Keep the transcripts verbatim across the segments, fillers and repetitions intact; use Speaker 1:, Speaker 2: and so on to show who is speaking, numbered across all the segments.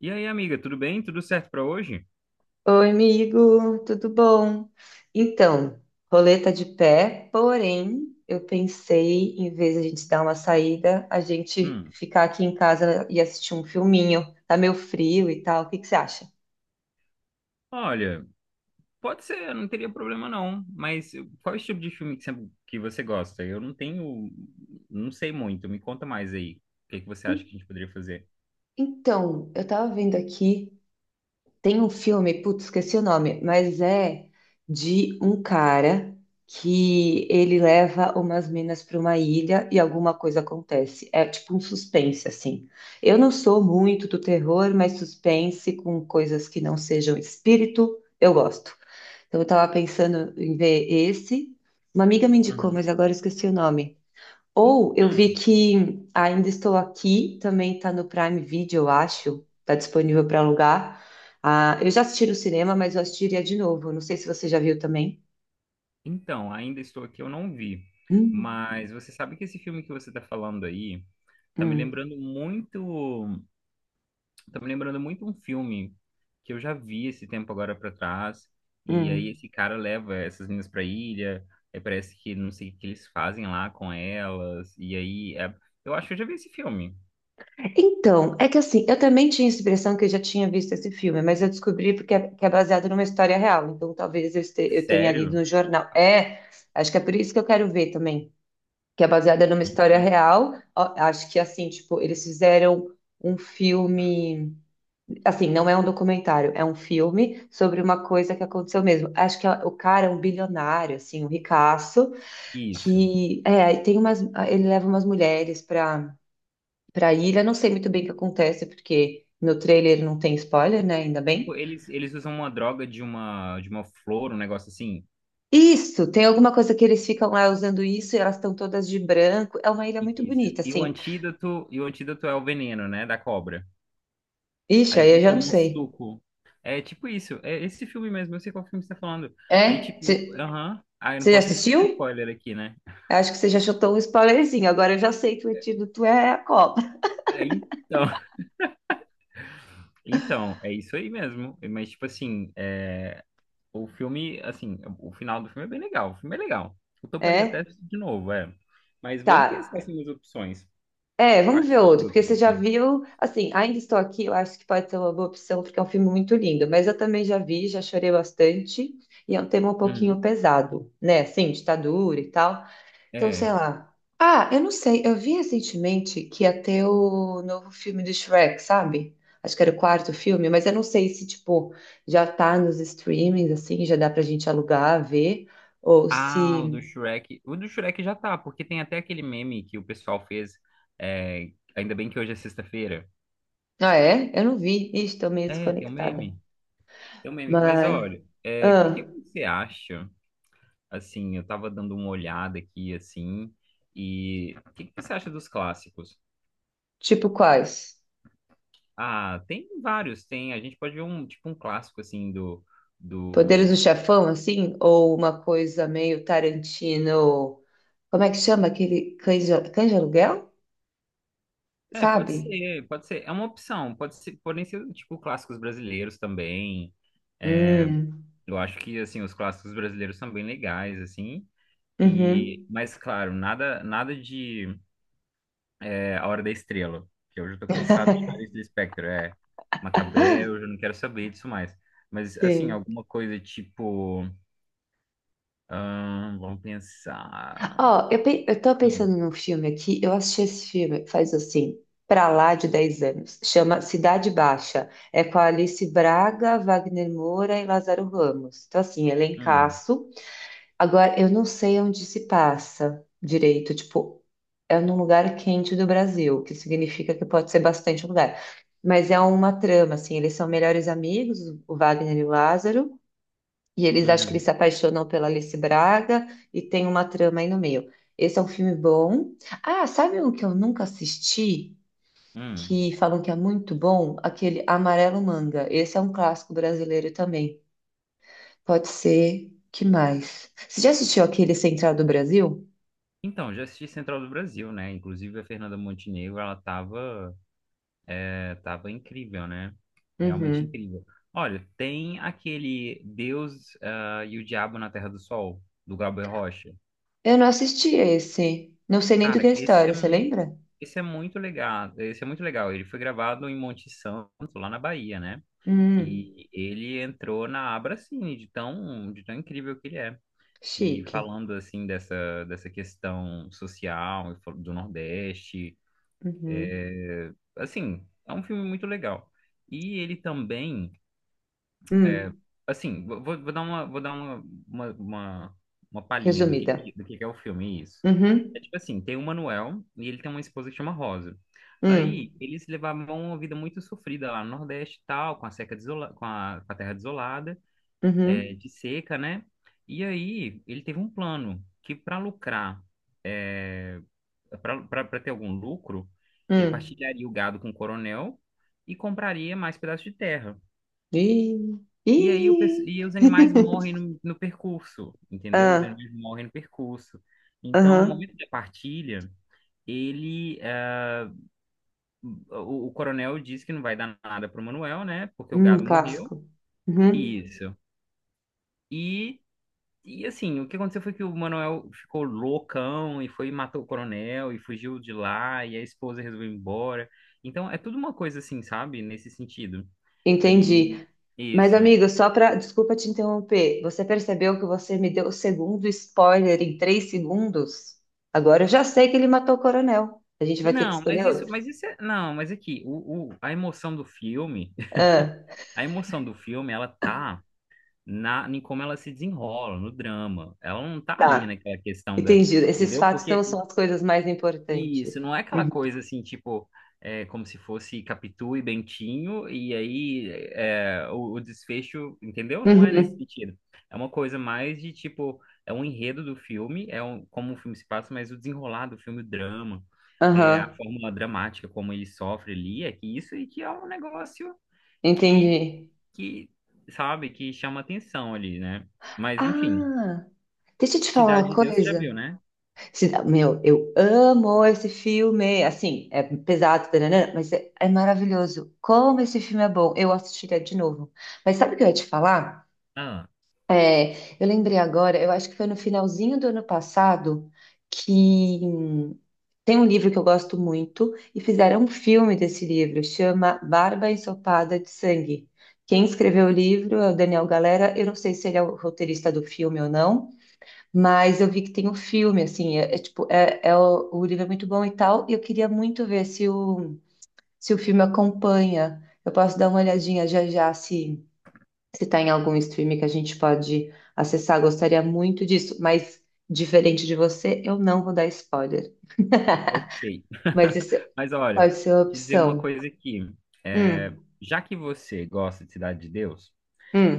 Speaker 1: E aí, amiga, tudo bem? Tudo certo pra hoje?
Speaker 2: Oi, amigo, tudo bom? Então, roleta de pé, porém, eu pensei, em vez de a gente dar uma saída, a gente
Speaker 1: Hum,
Speaker 2: ficar aqui em casa e assistir um filminho. Tá meio frio e tal, o que que você acha?
Speaker 1: olha, pode ser, eu não teria problema não, mas qual é o tipo de filme que você, que você gosta? Eu não tenho, não sei muito, me conta mais aí. O que que você acha que a gente poderia fazer?
Speaker 2: Então, eu tava vendo aqui. Tem um filme, putz, esqueci o nome, mas é de um cara que ele leva umas minas para uma ilha e alguma coisa acontece. É tipo um suspense, assim. Eu não sou muito do terror, mas suspense com coisas que não sejam espírito, eu gosto. Então eu tava pensando em ver esse. Uma amiga me indicou,
Speaker 1: Uhum.
Speaker 2: mas agora eu esqueci o nome. Ou eu vi
Speaker 1: Então,
Speaker 2: que Ainda Estou Aqui, também tá no Prime Video, eu acho, tá disponível para alugar. Ah, eu já assisti no cinema, mas eu assistiria de novo. Não sei se você já viu também.
Speaker 1: então, ainda estou aqui, eu não vi,
Speaker 2: Hum,
Speaker 1: mas você sabe que esse filme que você tá falando aí tá me
Speaker 2: hum,
Speaker 1: lembrando muito Tá me lembrando muito um filme que eu já vi esse tempo agora pra trás. E aí
Speaker 2: hum.
Speaker 1: esse cara leva essas meninas pra ilha. Aí parece que não sei o que eles fazem lá com elas. E aí é- eu acho que eu já vi esse filme.
Speaker 2: Então, é que assim, eu também tinha essa impressão que eu já tinha visto esse filme, mas eu descobri porque é, que é baseado numa história real. Então, talvez eu, este- eu tenha lido
Speaker 1: Sério?
Speaker 2: no jornal. É, acho que é por isso que eu quero ver também, que é baseada numa história
Speaker 1: Eita.
Speaker 2: real. Ó, acho que assim, tipo, eles fizeram um filme. Assim, não é um documentário, é um filme sobre uma coisa que aconteceu mesmo. Acho que a- o cara é um bilionário, assim, um ricaço,
Speaker 1: Isso.
Speaker 2: que é, aí tem umas, ele leva umas mulheres para para ilha. Não sei muito bem o que acontece, porque no trailer não tem spoiler, né? Ainda
Speaker 1: Tipo,
Speaker 2: bem.
Speaker 1: eles, eles usam uma droga de uma, de uma flor, um negócio assim.
Speaker 2: Isso, tem alguma coisa que eles ficam lá usando isso e elas estão todas de branco. É uma ilha muito
Speaker 1: Isso.
Speaker 2: bonita,
Speaker 1: E o
Speaker 2: assim.
Speaker 1: antídoto, e o antídoto é o veneno, né, da cobra.
Speaker 2: Ixi,
Speaker 1: Aí
Speaker 2: aí
Speaker 1: que
Speaker 2: eu
Speaker 1: eles
Speaker 2: já não
Speaker 1: tomam um
Speaker 2: sei.
Speaker 1: suco. É tipo isso. É esse filme mesmo. Eu sei qual filme você tá falando. Aí,
Speaker 2: É?
Speaker 1: tipo,
Speaker 2: Você
Speaker 1: aham. Ah, eu não
Speaker 2: já
Speaker 1: posso nem sofrer
Speaker 2: assistiu?
Speaker 1: spoiler aqui, né?
Speaker 2: Acho que você já chutou um spoilerzinho. Agora eu já sei que o antídoto é a Copa.
Speaker 1: Aí, então, então, é isso aí mesmo. Mas, tipo assim, é, o filme, assim, o final do filme é bem legal. O filme é legal. Eu toparia até
Speaker 2: É?
Speaker 1: assistir de novo, é. Mas vamos pensar
Speaker 2: Tá.
Speaker 1: assim nas opções.
Speaker 2: É, vamos
Speaker 1: Quais
Speaker 2: ver
Speaker 1: são as
Speaker 2: outro, porque você
Speaker 1: outras
Speaker 2: já
Speaker 1: opções?
Speaker 2: viu, assim, Ainda Estou Aqui, eu acho que pode ser uma boa opção, porque é um filme muito lindo, mas eu também já vi, já chorei bastante, e é um tema um pouquinho
Speaker 1: Uhum.
Speaker 2: pesado, né, assim, ditadura e tal, então,
Speaker 1: É.
Speaker 2: sei lá. Ah, eu não sei, eu vi recentemente que ia ter o novo filme do Shrek, sabe? Acho que era o quarto filme, mas eu não sei se, tipo, já tá nos streamings, assim, já dá pra gente alugar, ver, ou
Speaker 1: Ah, o
Speaker 2: se...
Speaker 1: do Shrek. O do Shrek já tá, porque tem até aquele meme que o pessoal fez. É, ainda bem que hoje é sexta-feira.
Speaker 2: Ah, é? Eu não vi, Ixi, tô meio
Speaker 1: É, tem um
Speaker 2: desconectada,
Speaker 1: meme. Tem um meme. Mas
Speaker 2: mas...
Speaker 1: olha, o que que
Speaker 2: Ah.
Speaker 1: você acha? Assim, eu tava dando uma olhada aqui, assim, e o que que você acha dos clássicos?
Speaker 2: Tipo quais?
Speaker 1: Ah, tem vários, tem. A gente pode ver um, tipo, um clássico, assim, do,
Speaker 2: Poderes do
Speaker 1: do...
Speaker 2: Chefão, assim? Ou uma coisa meio Tarantino. Como é que chama aquele cães de, cães de aluguel?
Speaker 1: É, pode
Speaker 2: Sabe?
Speaker 1: ser, pode ser. É uma opção, pode ser, podem ser, tipo, clássicos brasileiros também.
Speaker 2: Hum,
Speaker 1: Eu acho que, assim, os clássicos brasileiros são bem legais, assim. E,
Speaker 2: uhum,
Speaker 1: mas, claro, nada, nada de... É A Hora da Estrela, que hoje eu tô cansado de fazer isso do Lispector, é Macabé, eu já não quero saber disso mais. Mas, assim,
Speaker 2: sim.
Speaker 1: alguma coisa tipo, ahn, vamos pensar...
Speaker 2: Ó, eu, pe- eu tô
Speaker 1: Hum,
Speaker 2: pensando num filme aqui. Eu assisti esse filme faz assim, pra lá de dez anos. Chama Cidade Baixa. É com a Alice Braga, Wagner Moura e Lázaro Ramos. Então, assim,
Speaker 1: hum,
Speaker 2: elencaço. Agora, eu não sei onde se passa direito, tipo, é num lugar quente do Brasil, que significa que pode ser bastante lugar. Mas é uma trama, assim, eles são melhores amigos, o Wagner e o Lázaro, e eles acham que eles
Speaker 1: uhum,
Speaker 2: se apaixonam pela Alice Braga, e tem uma trama aí no meio. Esse é um filme bom. Ah, sabe um que eu nunca assisti,
Speaker 1: hum.
Speaker 2: que falam que é muito bom? Aquele Amarelo Manga. Esse é um clássico brasileiro também. Pode ser. Que mais? Você já assistiu aquele Central do Brasil?
Speaker 1: Então, já assisti Central do Brasil, né? Inclusive a Fernanda Montenegro, ela tava, é, tava incrível, né? Realmente
Speaker 2: Uhum.
Speaker 1: incrível. Olha, tem aquele Deus, ah, e o Diabo na Terra do Sol, do Glauber Rocha.
Speaker 2: Eu não assisti a esse. Não sei nem do que
Speaker 1: Cara,
Speaker 2: é a
Speaker 1: esse é
Speaker 2: história, você
Speaker 1: muito,
Speaker 2: lembra?
Speaker 1: esse é muito legal. Esse é muito legal. Ele foi gravado em Monte Santo, lá na Bahia, né?
Speaker 2: Hum,
Speaker 1: E ele entrou na Abracine, de tão, de tão incrível que ele é. E
Speaker 2: chique.
Speaker 1: falando assim dessa, dessa questão social e fal- do Nordeste,
Speaker 2: Uhum.
Speaker 1: assim, é um filme muito legal. E ele também é.
Speaker 2: Hum,
Speaker 1: Assim, vou, vou- vou dar uma, vou dar uma, uma, uma, uma palhinha do que,
Speaker 2: resumida.
Speaker 1: que- do que que é o filme, isso. É
Speaker 2: Uhum.
Speaker 1: tipo assim, tem o Manuel e ele tem uma esposa que chama Rosa.
Speaker 2: Hum.
Speaker 1: Aí, eles levavam uma vida muito sofrida lá no Nordeste e tal, com a seca desola, com a, com a terra desolada, é,
Speaker 2: Uhum.
Speaker 1: de seca, né? E aí, ele teve um plano que para lucrar, é, para ter algum lucro, ele
Speaker 2: Hum.
Speaker 1: partilharia o gado com o coronel e compraria mais pedaços de terra.
Speaker 2: Ih.
Speaker 1: E aí o, pes-
Speaker 2: Ih.
Speaker 1: e os animais morrem no, no percurso, entendeu? Os
Speaker 2: Ah,
Speaker 1: animais morrem no percurso. Então, no
Speaker 2: aham.
Speaker 1: momento da partilha, ele, eh, o, o coronel diz que não vai dar nada pro Manuel, né? Porque o
Speaker 2: Hum,
Speaker 1: gado morreu.
Speaker 2: clássico. Uhum.
Speaker 1: Isso. E, e assim, o que aconteceu foi que o Manuel ficou loucão e foi e matou o coronel e fugiu de lá e a esposa resolveu ir embora. Então, é tudo uma coisa assim, sabe? Nesse sentido. E
Speaker 2: Entendi. Mas,
Speaker 1: isso.
Speaker 2: amigo, só para. Desculpa te interromper. Você percebeu que você me deu o segundo spoiler em três segundos? Agora eu já sei que ele matou o coronel. A gente vai ter que
Speaker 1: Não, mas
Speaker 2: escolher
Speaker 1: isso,
Speaker 2: outro.
Speaker 1: mas isso é, não, mas aqui, o, o- a emoção do filme,
Speaker 2: Ah.
Speaker 1: a emoção do filme, ela tá na, em como ela se desenrola, no drama. Ela não tá ali
Speaker 2: Tá,
Speaker 1: naquela questão da,
Speaker 2: entendi. Esses
Speaker 1: entendeu?
Speaker 2: fatos não
Speaker 1: Porque
Speaker 2: são as coisas mais importantes.
Speaker 1: isso, não é aquela
Speaker 2: Uhum.
Speaker 1: coisa assim, tipo, é, como se fosse Capitu e Bentinho, e aí é, o, o desfecho, entendeu? Não é nesse
Speaker 2: Uhum.
Speaker 1: sentido. É uma coisa mais de tipo, é um enredo do filme, é um, como o filme se passa, mas o desenrolar do filme, o drama, é, a
Speaker 2: Aham,
Speaker 1: forma dramática como ele sofre ali, é que isso e que é um negócio que,
Speaker 2: entendi.
Speaker 1: que, sabe, que chama atenção ali, né? Mas enfim,
Speaker 2: Ah, deixa eu te falar
Speaker 1: Cidade
Speaker 2: uma
Speaker 1: de Deus você já viu,
Speaker 2: coisa.
Speaker 1: né?
Speaker 2: Se- Meu, eu amo esse filme. Assim, é pesado, taranã, mas é, é maravilhoso. Como esse filme é bom. Eu assistiria de novo. Mas sabe o que eu ia te falar?
Speaker 1: Ah.
Speaker 2: É, eu lembrei agora, eu acho que foi no finalzinho do ano passado que hum, tem um livro que eu gosto muito e fizeram um filme desse livro, chama Barba Ensopada de Sangue. Quem escreveu o livro é o Daniel Galera. Eu não sei se ele é o roteirista do filme ou não, mas eu vi que tem um filme, assim, é, é tipo, é, é o, o livro é muito bom e tal, e eu queria muito ver se o, se o filme acompanha. Eu posso dar uma olhadinha já já se está em algum streaming que a gente pode acessar, gostaria muito disso, mas diferente de você, eu não vou dar spoiler.
Speaker 1: Ok.
Speaker 2: Mas isso
Speaker 1: Mas olha,
Speaker 2: pode ser uma
Speaker 1: vou te dizer uma
Speaker 2: opção.
Speaker 1: coisa aqui. É,
Speaker 2: Hum,
Speaker 1: já que você gosta de Cidade de Deus,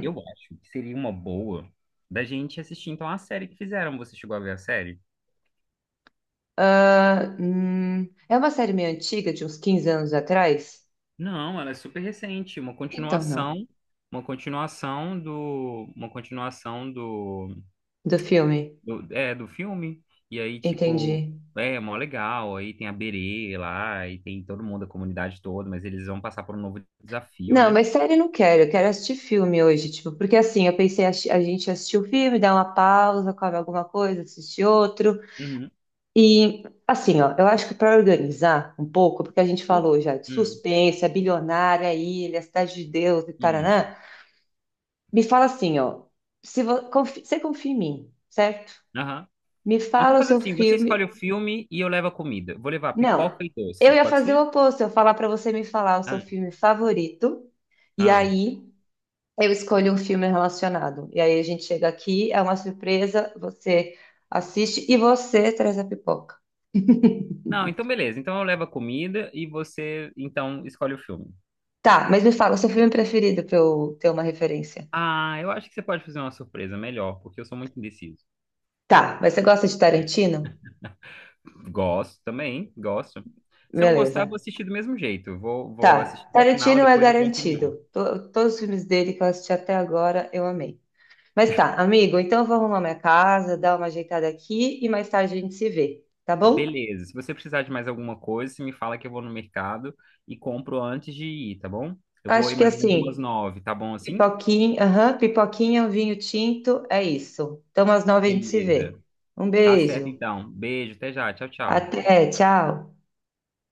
Speaker 1: eu acho que seria uma boa da gente assistir então a série que fizeram. Você chegou a ver a série?
Speaker 2: Ah, hum. É uma série meio antiga, de uns quinze anos atrás?
Speaker 1: Não, ela é super recente, uma
Speaker 2: Então não.
Speaker 1: continuação, uma continuação do, uma continuação do,
Speaker 2: Do filme.
Speaker 1: do, é, do filme. E aí,
Speaker 2: Entendi.
Speaker 1: tipo, é mó legal. Aí tem a Berê lá, e tem todo mundo, a comunidade toda, mas eles vão passar por um novo desafio,
Speaker 2: Não,
Speaker 1: né?
Speaker 2: mas série não quero, eu quero assistir filme hoje, tipo, porque assim, eu pensei, a a gente assistiu o filme, dá uma pausa, come alguma coisa, assiste outro.
Speaker 1: Uhum.
Speaker 2: E assim, ó, eu acho que para organizar um pouco, porque a gente
Speaker 1: Uf.
Speaker 2: falou já de
Speaker 1: Hum.
Speaker 2: suspense, a bilionária, ilha, a cidade de Deus e
Speaker 1: Isso.
Speaker 2: taraná, me fala assim, ó, se vo- confi- você confia em mim, certo?
Speaker 1: Aham.
Speaker 2: Me
Speaker 1: Então
Speaker 2: fala o
Speaker 1: faz
Speaker 2: seu
Speaker 1: assim, você escolhe o
Speaker 2: filme.
Speaker 1: filme e eu levo a comida. Vou levar
Speaker 2: Não,
Speaker 1: pipoca e
Speaker 2: eu
Speaker 1: doce,
Speaker 2: ia
Speaker 1: pode
Speaker 2: fazer o
Speaker 1: ser?
Speaker 2: oposto, eu ia falar para você me falar o seu
Speaker 1: Ah,
Speaker 2: filme favorito, e
Speaker 1: ah.
Speaker 2: aí eu escolho um filme relacionado. E aí a gente chega aqui, é uma surpresa, você assiste e você traz a pipoca.
Speaker 1: Não, então beleza. Então eu levo a comida e você, então, escolhe o filme.
Speaker 2: Tá, mas me fala o seu filme preferido para eu ter uma referência.
Speaker 1: Ah, eu acho que você pode fazer uma surpresa melhor, porque eu sou muito indeciso.
Speaker 2: Tá, mas você gosta de Tarantino?
Speaker 1: Gosto também, gosto. Se eu não gostar, eu vou
Speaker 2: Beleza.
Speaker 1: assistir do mesmo jeito. Eu Vou, vou assistir
Speaker 2: Tá,
Speaker 1: até o final,
Speaker 2: Tarantino é
Speaker 1: depois eu dou uma opinião.
Speaker 2: garantido. To- todos os filmes dele que eu assisti até agora, eu amei. Mas tá, amigo, então eu vou arrumar minha casa, dar uma ajeitada aqui e mais tarde a gente se vê, tá bom?
Speaker 1: Beleza. Se você precisar de mais alguma coisa, você me fala que eu vou no mercado e compro antes de ir, tá bom? Eu vou
Speaker 2: Acho
Speaker 1: ir
Speaker 2: que
Speaker 1: mais ou menos umas
Speaker 2: assim,
Speaker 1: nove, tá bom assim?
Speaker 2: pipoquinha, aham, pipoquinha, um vinho tinto, é isso. Então às nove a gente se
Speaker 1: Beleza.
Speaker 2: vê. Um
Speaker 1: Tá certo,
Speaker 2: beijo.
Speaker 1: então. Beijo, até já. Tchau, tchau.
Speaker 2: Até, tchau.